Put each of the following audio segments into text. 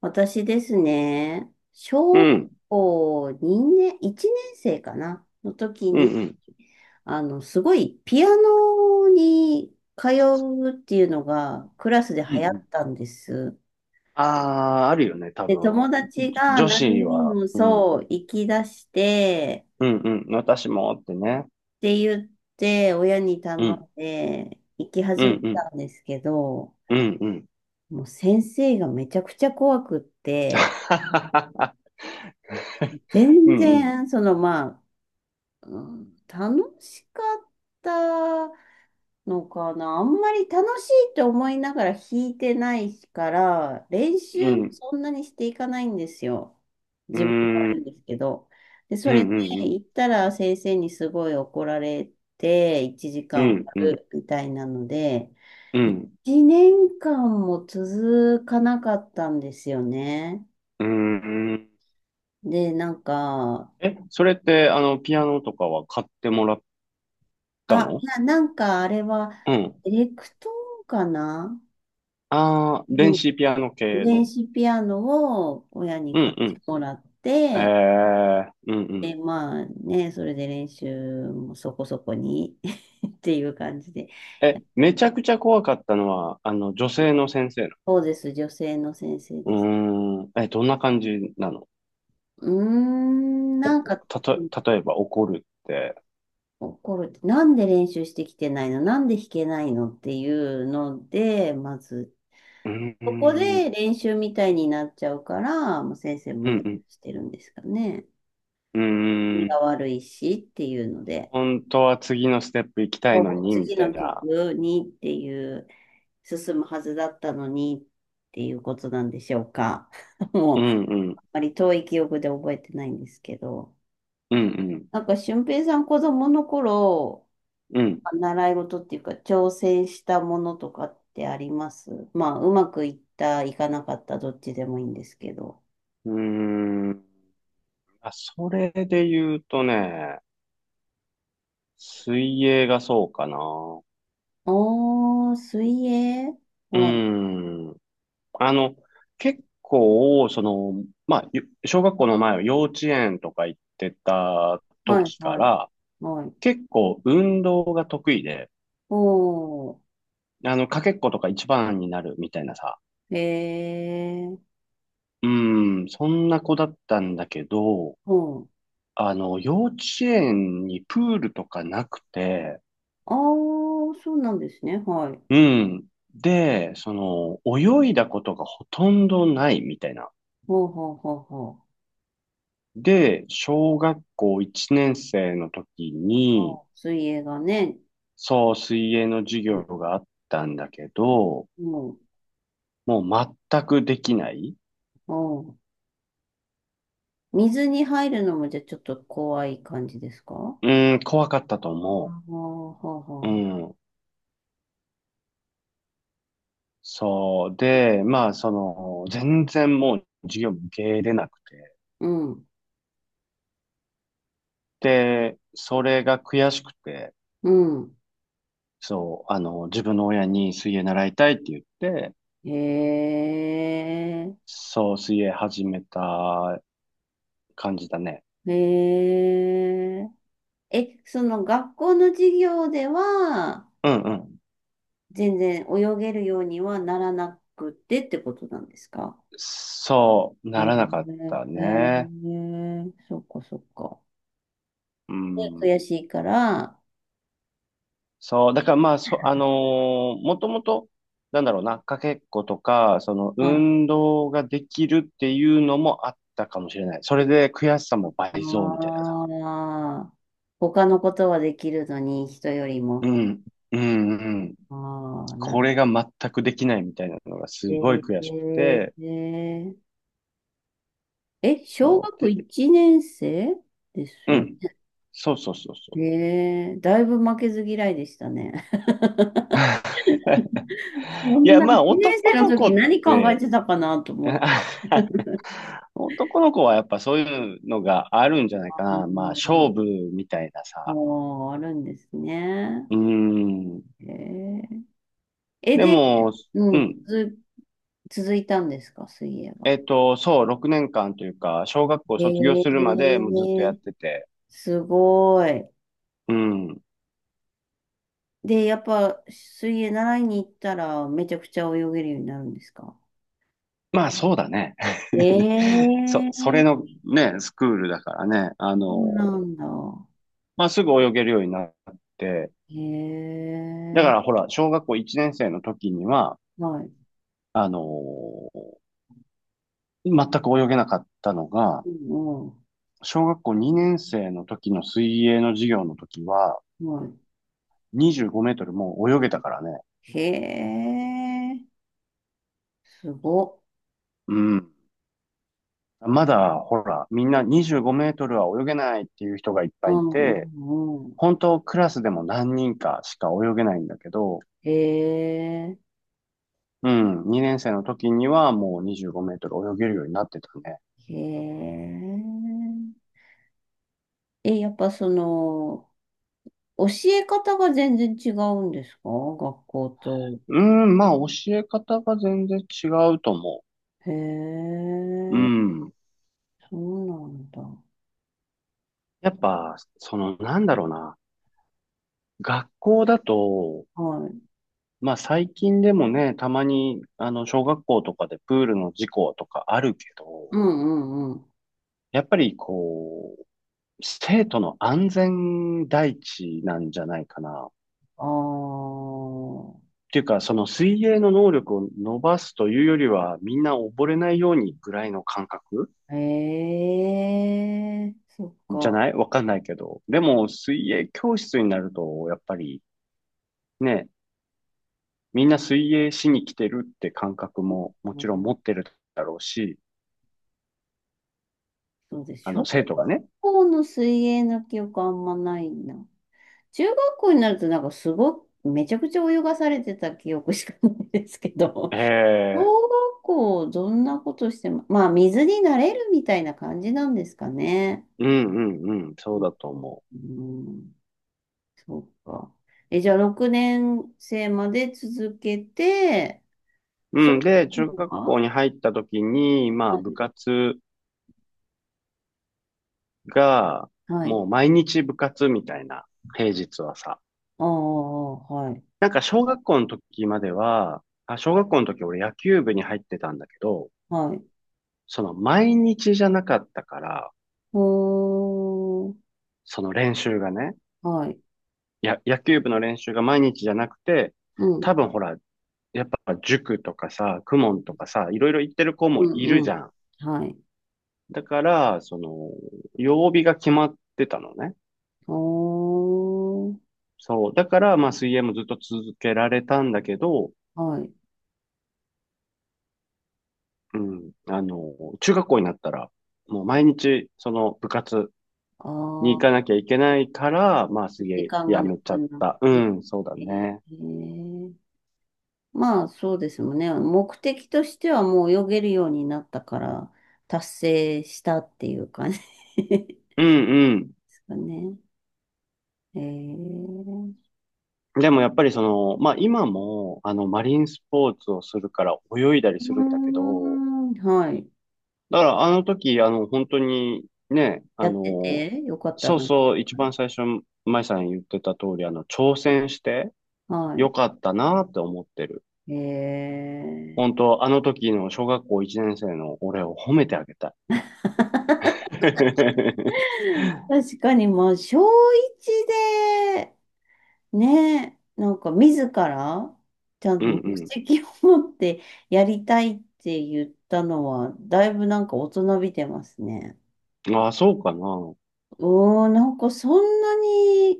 私ですね、う小学ん、校2年、1年生かなの時うん、に、うん。すごいピアノに通うっていうのがクラスでうんう流行っん。たんです。ああ、あるよね、多で、分。友達じが女何子人は、もうん、そう、行き出して、うん、うん、私もってね。って言って、親に頼うん、んで、行きう始めん、うん、たんですけど、うん、うん。もう先生がめちゃくちゃ怖くって、うん、全うん、然、そのまあ、うん楽しかったのかな。あんまり楽しいって思いながら弾いてないから、練う習もん、そんなにしていかないんですよ。うー自分もん、う悪いんですけど。で、ん、それでうん、行ったら先生にすごい怒られて、1う時間終ん、わうん、るみたいなので、うん、1年間も続かなかったんですよね。うーん。で、なんか、え、それって、あの、ピアノとかは買ってもらったあ、の？な、なんかあれは、うん。エレクトーンかなああ、電の子ピアノ系電の。子ピアノを親にう買ん、っうてん。もらっえて、え、うん、うで、ん。まあね、それで練習もそこそこに っていう感じで。え、めちゃくちゃ怖かったのは、あの、女性の先生の。そうです、女性の先生うです。ーん、え、どんな感じなの？うーん、お、なんかたと、例えば怒るって。怒る。なんで練習してきてないのなんで弾けないのっていうので、まず、うーん、うそこでん、練習みたいになっちゃうから、もう先生もうイライん、ラしてるんですかね。うー何がん、悪いしっていうので、本当は次のステップ行きたいのこうに、み次たのいな。曲にっていう進むはずだったのにっていうことなんでしょうか。うもう、ん、うん、あまり遠い記憶で覚えてないんですけど。うん、うん、なんか、俊平さん子供の頃、うん。習い事っていうか、挑戦したものとかってあります。まあ、うまくいった、いかなかった、どっちでもいいんですけど。うーん、あ、それで言うとね、水泳がそうかな。うおー、水泳ーはい、ん。あの、結構、その、まあ、ゆ小学校の前は幼稚園とか行ってたはい、時かはい、ら、はい。結構運動が得意で、おー。あの、かけっことか一番になるみたいなさ、ええ、うん、そんな子だったんだけど、ほう。あの、幼稚園にプールとかなくて、ああ、そうなんですね。はい。うん、で、その、泳いだことがほとんどないみたいな。ほうほうほうほう。で、小学校1年生の時あに、ー、水泳がね、そう、水泳の授業ね、があったんだけど、もう、もう全くできない。おう、水に入るのもじゃあちょっと怖い感じですか？うん、怖かったとああ思ー、ほうほうう。うほん。そう。で、まあ、その、全然もう授業も受け入れなくて。う。うん、で、それが悔しくて、うん。そう、あの、自分の親に水泳習いたいって言って、ええそう、水泳始めた感じだね。えええ、その学校の授業では、うんうん。全然泳げるようにはならなくてってことなんですか？そう、えならなかっー、たえね。ー、そっかそっか。うん。で、悔しいから、そう、だからまあ、そ、あのーもともと、なんだろうな、かけっことか、その、あ運動ができるっていうのもあったかもしれない。それで悔しさも倍増みたいなさ。あー、他のことはできるのに、人よりうも。ん、うん、うん。ああ、なこる。れが全くできないみたいなのがえすごい悔しくー、て、えー、え、小そう。学で、1年生ですうよん。そうそうそうそう。ね。えー、だいぶ負けず嫌いでしたね。そいんや、なまあ、1年男生のの子時っ何考えて、てたかなと思って。男の子はやっぱそういうのがあるんじゃないあかな。まあ、ー、勝負みたいなあさ。ー、あるんですね。うーん。えー、え、でで、も、ううん、ん。続いたんですか、水泳えは？っと、そう、6年間というか、小学校へ卒業え、するまでもうずっとやってて。すごい。うん。で、やっぱ、水泳習いに行ったら、めちゃくちゃ泳げるようになるんですか？まあ、そうだね。え そ、そえ、れのね、スクールだからね。あその、うなんだ。まあ、すぐ泳げるようになって。へだかえ、らほら、小学校1年生の時には、はい。あの、全く泳げなかったのが、うん、う小学校2年生の時の水泳の授業の時は、ん、はい。25メートルもう泳げたからね。へえ、すごっ。うん。まだ、ほら、みんな25メートルは泳げないっていう人がいっうぱいいん、うて、ん、うん。本当クラスでも何人かしか泳げないんだけど、へえ、うん、2年生の時にはもう25メートル泳げるようになってたね。へえ。え、やっぱその、教え方が全然違うんですか、学校と？うん、まあ教え方が全然違うと思へう。うえ、ん。そうなんだ。やっぱ、その、なんだろうな。学校だと、はい。まあ最近でもね、たまにあの小学校とかでプールの事故とかあるけうど、んうんうん。やっぱりこう、生徒の安全第一なんじゃないかな。っあていうか、その水泳の能力を伸ばすというよりは、みんな溺れないようにぐらいの感覚あ、へえ、そっじゃか。ない？わかんないけど。でも水泳教室になると、やっぱりね、みんな水泳しに来てるって感覚うももちろんん、持ってるだろうし、そうです。あ小の学生徒がね、校の水泳の記憶あんまないな。中学校になるとなんかすごく、めちゃくちゃ泳がされてた記憶しかないですけど。へえ小学校、どんなことしても、まあ、水に慣れるみたいな感じなんですかね。うんうんうん、そううん、だと思うん、そうか。え、じゃあ、6年生まで続けて、う。そうん、れで、中学は校に入った時に、まあは部い。活が、はい。もう毎日部活みたいな、平日はさ。ああ、はい。なんか小学校の時までは、あ、小学校の時俺野球部に入ってたんだけど、はい。その毎日じゃなかったから、おー、その練習がね、はい。や、野球部の練習が毎日じゃなくて、うん、多分ほら、やっぱ塾とかさ、公文とかさ、いろいろ行ってる子もういるん、うじゃん。ん。はい。だから、その、曜日が決まってたのね。おー、そう。だから、まあ、水泳もずっと続けられたんだけど、はい。うん。あの、中学校になったら、もう毎日、その部活あに行あ、かなきゃいけないから、まあ、水時泳間がやなめちゃくっなった。うて、ん、そうだえね。ーまあそうですもんね。目的としてはもう泳げるようになったから達成したっていう感じ でうんうすかね。えー、ん。でもやっぱりその、まあ今も、あの、マリンスポーツをするから泳いだりうーするんだけど、ん、はい。だからあの時、あの、本当にね、あやっての、てよかったそうな。そう、一番最初、舞さん言ってた通り、あの、挑戦してはい。よかったなって思ってる。え本当、あの時の小学校1年生の俺を褒めてあげたい。ー、確かにまあ小一でね、なんか自らちゃんうと目ん的を持ってやりたいって言ったのはだいぶなんか大人びてますね。うん。ああ、そうかな。おー、なんかそんなに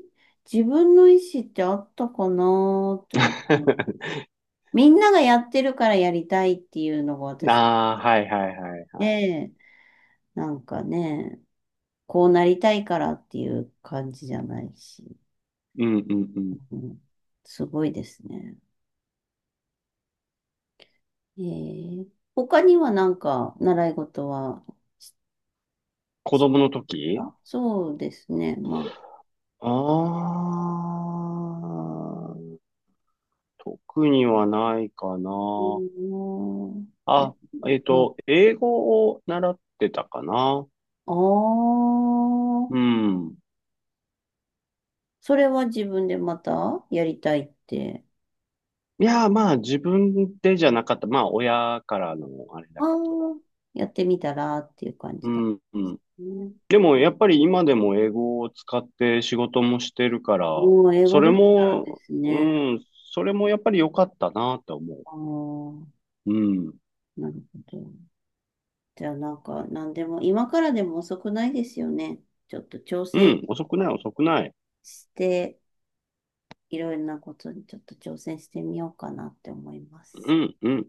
自分の意思ってあったかなーって思う。みんながやってるからやりたいっていうのが 私ああ、はいはいはい。で、なんかね、こうなりたいからっていう感じじゃないし、うんうんうん。うん、すごいですね。えー、他にはなんか習い事は、子供の時あ、そうですね、まあ。ああー、特にはないかうな。ーん、あ、えっうん、と、英語を習ってたかな。あうあ、ん。それは自分でまたやりたいって？いや、まあ自分でじゃなかった。まあ親からのあれあだあ、けど。やってみたらっていう感じうだっん、うん。たね。でもやっぱり今でも英語を使って仕事もしてるから、もう英語それできたらでも、すうね。ん、それもやっぱり良かったなと思ああ、う。うん。なるほど。じゃあなんか何でも、今からでも遅くないですよね。ちょっと挑う戦ん、遅くない、遅くない。して、いろいろなことにちょっと挑戦してみようかなって思いまうす。ん、うん。